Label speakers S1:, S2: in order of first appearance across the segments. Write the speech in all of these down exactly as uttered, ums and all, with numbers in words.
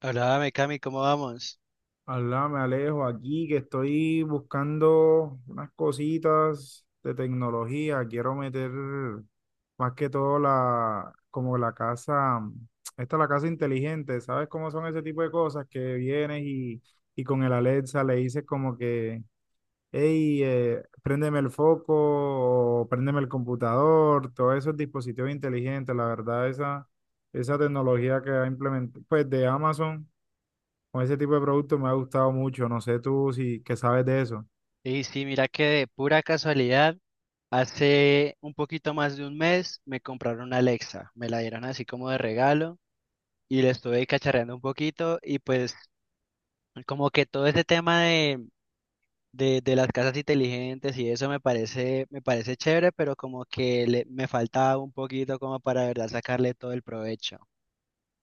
S1: Hola, Cami, ¿cómo vamos?
S2: Alá, me alejo aquí que estoy buscando unas cositas de tecnología. Quiero meter más que todo la, como la casa, esta es la casa inteligente. ¿Sabes cómo son ese tipo de cosas? Que vienes y, y con el Alexa le dices como que, hey, eh, préndeme el foco, o préndeme el computador, todos esos dispositivos inteligentes. La verdad, esa, esa tecnología que ha implementado, pues de Amazon. Con ese tipo de productos me ha gustado mucho. No sé tú si que sabes de eso.
S1: Sí, sí, mira que de pura casualidad, hace un poquito más de un mes me compraron una Alexa, me la dieron así como de regalo y le estuve cacharreando un poquito y pues como que todo ese tema de, de, de las casas inteligentes y eso me parece, me parece chévere, pero como que le- me faltaba un poquito como para de verdad sacarle todo el provecho.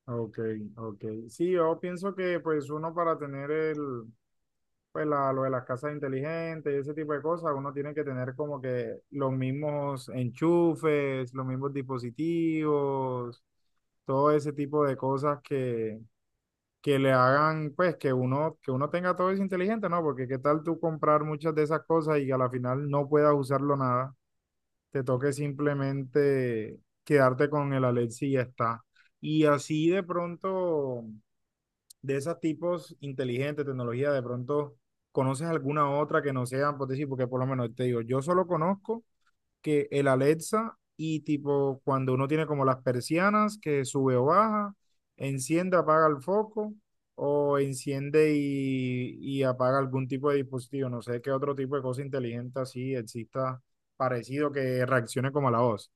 S2: Ok, ok. Sí, yo pienso que pues uno para tener el, pues la, lo de las casas inteligentes y ese tipo de cosas, uno tiene que tener como que los mismos enchufes, los mismos dispositivos, todo ese tipo de cosas que, que le hagan pues que uno, que uno tenga todo eso inteligente, ¿no? Porque qué tal tú comprar muchas de esas cosas y a la final no puedas usarlo nada. Te toque simplemente quedarte con el Alexi y ya está. Y así de pronto, de esos tipos inteligentes, tecnología, de pronto conoces alguna otra que no sea, por decir, porque por lo menos te digo, yo solo conozco que el Alexa y tipo cuando uno tiene como las persianas que sube o baja, enciende, apaga el foco o enciende y, y apaga algún tipo de dispositivo. No sé qué otro tipo de cosa inteligente así exista parecido que reaccione como a la voz.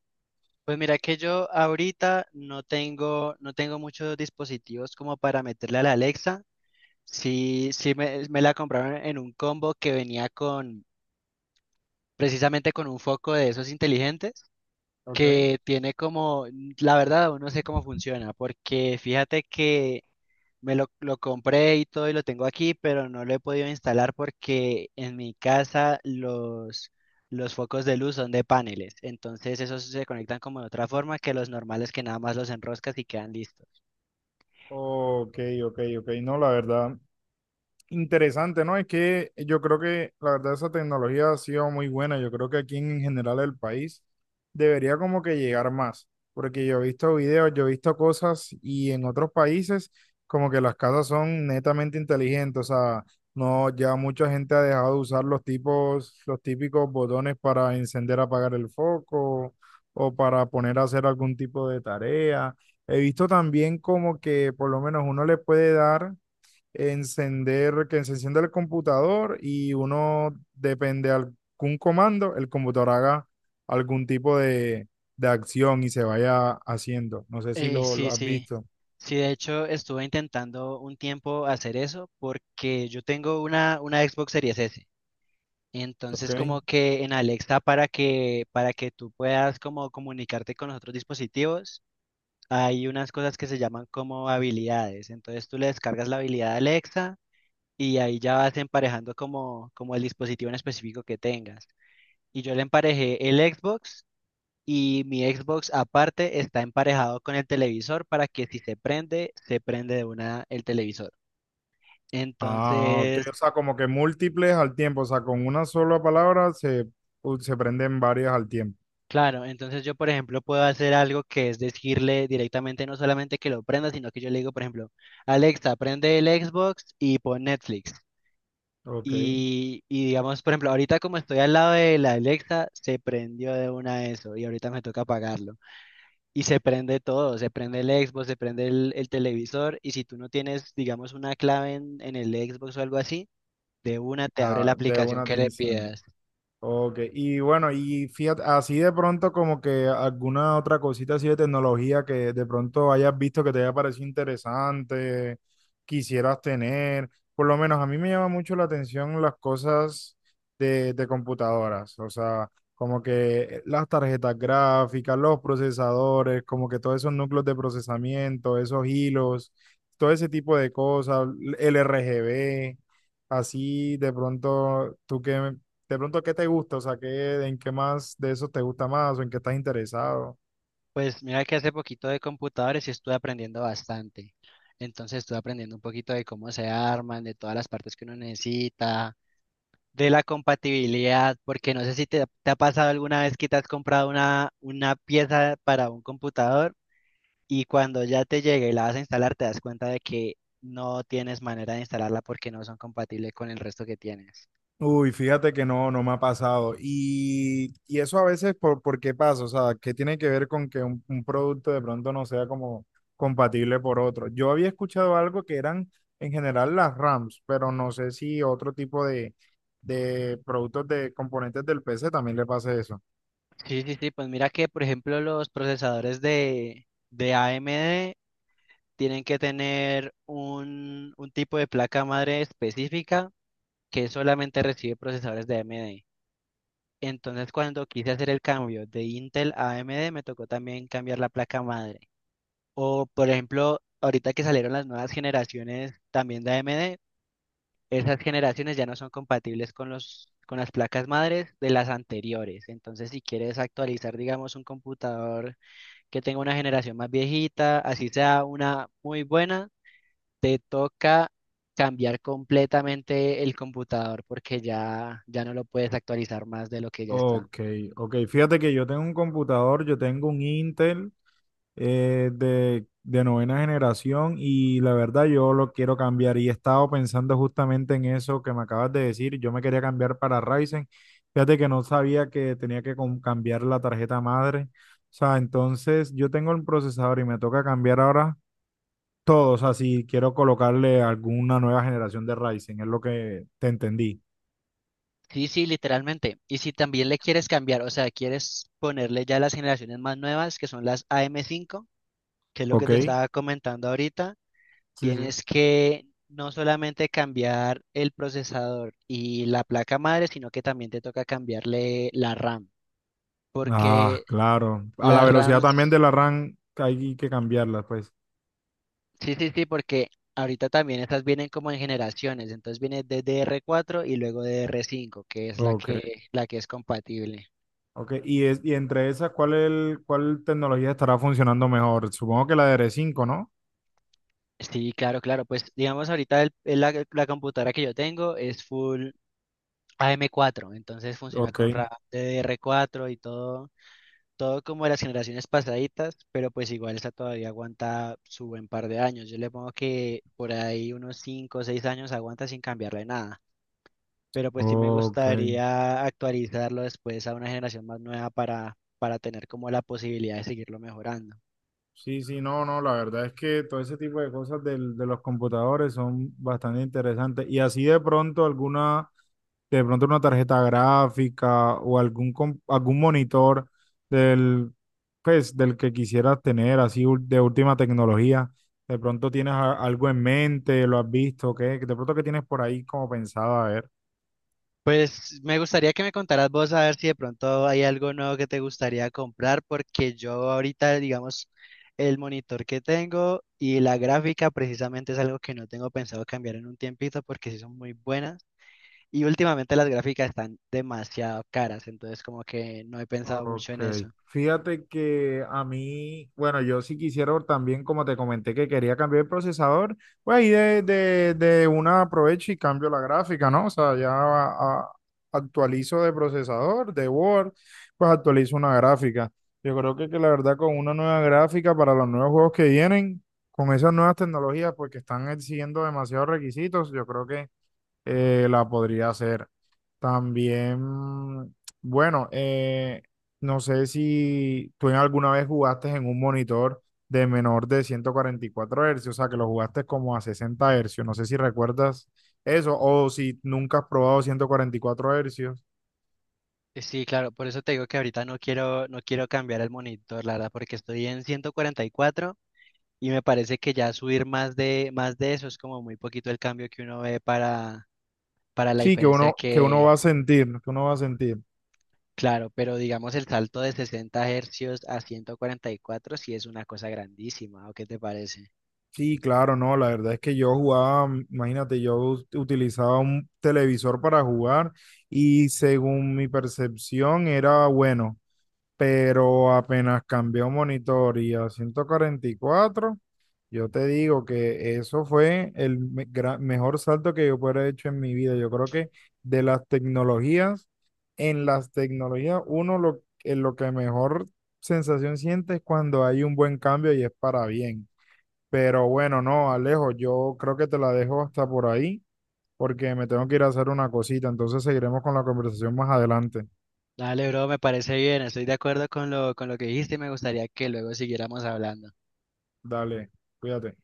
S1: Pues mira que yo ahorita no tengo, no tengo muchos dispositivos como para meterle a la Alexa. Sí, sí me, me la compraron en un combo que venía con, precisamente con un foco de esos inteligentes,
S2: Ok,
S1: que tiene como, la verdad, aún no sé cómo funciona, porque fíjate que me lo, lo compré y todo y lo tengo aquí, pero no lo he podido instalar porque en mi casa los, los focos de luz son de paneles, entonces esos se conectan como de otra forma que los normales que nada más los enroscas y quedan listos.
S2: ok, ok, ok. No, la verdad, interesante, ¿no? Es que yo creo que la verdad esa tecnología ha sido muy buena. Yo creo que aquí en general el país debería como que llegar más, porque yo he visto videos, yo he visto cosas y en otros países como que las casas son netamente inteligentes, o sea, no, ya mucha gente ha dejado de usar los tipos, los típicos botones para encender, apagar el foco o para poner a hacer algún tipo de tarea. He visto también como que por lo menos uno le puede dar encender, que se encienda el computador y uno depende de algún comando, el computador haga algún tipo de, de acción y se vaya haciendo. No sé si
S1: Eh,
S2: lo, lo
S1: sí,
S2: has
S1: sí.
S2: visto.
S1: Sí, de hecho estuve intentando un tiempo hacer eso porque yo tengo una, una Xbox Series S.
S2: ¿Ok?
S1: Entonces como que en Alexa para que para que tú puedas como comunicarte con los otros dispositivos, hay unas cosas que se llaman como habilidades. Entonces tú le descargas la habilidad a Alexa y ahí ya vas emparejando como como el dispositivo en específico que tengas. Y yo le emparejé el Xbox y mi Xbox aparte está emparejado con el televisor para que si se prende, se prende de una el televisor.
S2: Ah, ok,
S1: Entonces,
S2: o sea, como que múltiples al tiempo, o sea, con una sola palabra se, se prenden varias al tiempo.
S1: claro, entonces yo, por ejemplo, puedo hacer algo que es decirle directamente no solamente que lo prenda, sino que yo le digo, por ejemplo, Alexa, prende el Xbox y pon Netflix.
S2: ¿Ok?
S1: Y, y digamos, por ejemplo, ahorita como estoy al lado de la Alexa, se prendió de una eso y ahorita me toca apagarlo. Y se prende todo, se prende el Xbox, se prende el, el televisor y si tú no tienes, digamos, una clave en, en el Xbox o algo así, de una te abre la
S2: Ah, de
S1: aplicación
S2: una
S1: que
S2: te
S1: le
S2: enciendo.
S1: pidas.
S2: Ok, y bueno, y fíjate, así de pronto como que alguna otra cosita así de tecnología que de pronto hayas visto que te haya parecido interesante, quisieras tener, por lo menos a mí me llama mucho la atención las cosas de, de computadoras, o sea, como que las tarjetas gráficas, los procesadores, como que todos esos núcleos de procesamiento, esos hilos, todo ese tipo de cosas, el R G B, así de pronto, ¿tú qué? De pronto, ¿qué te gusta? O sea, ¿qué, en qué más de eso te gusta más o en qué estás interesado?
S1: Pues mira que hace poquito de computadores y estuve aprendiendo bastante. Entonces estuve aprendiendo un poquito de cómo se arman, de todas las partes que uno necesita, de la compatibilidad, porque no sé si te, te ha pasado alguna vez que te has comprado una, una pieza para un computador. Y cuando ya te llega y la vas a instalar, te das cuenta de que no tienes manera de instalarla porque no son compatibles con el resto que tienes.
S2: Uy, fíjate que no, no me ha pasado. Y, y eso a veces, por, ¿por qué pasa? O sea, ¿qué tiene que ver con que un, un producto de pronto no sea como compatible por otro? Yo había escuchado algo que eran en general las RAMs, pero no sé si otro tipo de, de productos de componentes del P C también le pasa eso.
S1: Sí, sí, sí, pues mira que, por ejemplo, los procesadores de, de A M D tienen que tener un, un tipo de placa madre específica que solamente recibe procesadores de A M D. Entonces, cuando quise hacer el cambio de Intel a AMD, me tocó también cambiar la placa madre. O, por ejemplo, ahorita que salieron las nuevas generaciones también de A M D, esas generaciones ya no son compatibles con los, con las placas madres de las anteriores. Entonces, si quieres actualizar, digamos, un computador que tenga una generación más viejita, así sea una muy buena, te toca cambiar completamente el computador porque ya, ya no lo puedes actualizar más de lo que ya está.
S2: Ok, ok. Fíjate que yo tengo un computador, yo tengo un Intel eh, de, de novena generación, y la verdad yo lo quiero cambiar y he estado pensando justamente en eso que me acabas de decir. Yo me quería cambiar para Ryzen, fíjate que no sabía que tenía que com- cambiar la tarjeta madre. O sea, entonces yo tengo el procesador y me toca cambiar ahora todo. O sea, si quiero colocarle alguna nueva generación de Ryzen, es lo que te entendí.
S1: Sí, sí, literalmente. Y si también le quieres cambiar, o sea, quieres ponerle ya las generaciones más nuevas, que son las A M cinco, que es lo que
S2: ¿Ok?
S1: te estaba comentando ahorita.
S2: Sí, sí.
S1: Tienes que no solamente cambiar el procesador y la placa madre, sino que también te toca cambiarle la RAM. Porque
S2: Ah, claro, a la
S1: las
S2: velocidad también de
S1: RAMs,
S2: la RAM hay que cambiarla, pues.
S1: sí, sí, sí, porque ahorita también estas vienen como en generaciones. Entonces viene D D R cuatro y luego D D R cinco, que es la
S2: Ok.
S1: que, la que es compatible.
S2: Ok, y, es, y entre esas, ¿cuál, el, cuál tecnología estará funcionando mejor? Supongo que la de R cinco, ¿no?
S1: Sí, claro, claro. Pues digamos ahorita el- el- la, la computadora que yo tengo es full A M cuatro, entonces funciona
S2: Ok,
S1: con RAM D D R cuatro y todo todo como de las generaciones pasaditas, pero pues igual esta todavía aguanta su buen par de años. Yo le pongo que por ahí unos cinco o seis años aguanta sin cambiarle nada, pero pues sí me
S2: ok.
S1: gustaría actualizarlo después a una generación más nueva para, para tener como la posibilidad de seguirlo mejorando.
S2: Sí, sí, no, no, la verdad es que todo ese tipo de cosas del- de los computadores son bastante interesantes. Y así de pronto alguna, de pronto una tarjeta gráfica o algún, com- algún monitor del, pues, del que quisieras tener, así ul- de última tecnología. De pronto tienes a- algo en mente, lo has visto, ¿qué? De pronto que tienes por ahí como pensado, a ver.
S1: Pues me gustaría que me contaras vos a ver si de pronto hay algo nuevo que te gustaría comprar, porque yo ahorita, digamos, el monitor que tengo y la gráfica precisamente es algo que no tengo pensado cambiar en un tiempito porque sí son muy buenas y últimamente las gráficas están demasiado caras, entonces como que no he pensado mucho
S2: Ok,
S1: en eso.
S2: fíjate que a mí, bueno, yo sí quisiera también, como te comenté que quería cambiar el procesador, pues ahí de, de, de una aprovecho y cambio la gráfica, ¿no? O sea, ya a- a- actualizo de procesador, de Word, pues actualizo una gráfica. Yo creo que, que la verdad con una nueva gráfica para los nuevos juegos que vienen, con esas nuevas tecnologías, pues que están exigiendo demasiados requisitos, yo creo que eh, la podría hacer. También, bueno, eh, no sé si tú en alguna vez jugaste en un monitor de menor de ciento cuarenta y cuatro hercios, o sea, que lo jugaste como a sesenta hercios. No sé si recuerdas eso o si nunca has probado ciento cuarenta y cuatro hercios.
S1: Eh, Sí, claro, por eso te digo que ahorita no quiero, no quiero cambiar el monitor, la verdad, porque estoy en ciento cuarenta y cuatro y cuatro y me parece que ya subir más de, más de eso es como muy poquito el cambio que uno ve para para la
S2: Sí, que
S1: diferencia
S2: uno, que uno
S1: que,
S2: va a sentir, que uno va a sentir.
S1: claro, pero digamos el salto de sesenta hercios a ciento cuarenta y cuatro sí es una cosa grandísima, ¿o qué te parece?
S2: Sí, claro, no, la verdad es que yo jugaba, mm, imagínate, yo us- utilizaba un televisor para jugar y según mi percepción era bueno, pero apenas cambió monitor y a ciento cuarenta y cuatro, yo te digo que eso fue el me- gra- mejor salto que yo pudiera haber hecho en mi vida. Yo creo que de las tecnologías, en las tecnologías, uno lo, en lo que mejor sensación siente es cuando hay un buen cambio y es para bien. Pero bueno, no, Alejo, yo creo que te la dejo hasta por ahí, porque me tengo que ir a hacer una cosita, entonces seguiremos con la conversación más adelante.
S1: Dale, bro, me parece bien, estoy de acuerdo con lo, con lo que dijiste y me gustaría que luego siguiéramos hablando.
S2: Dale, cuídate.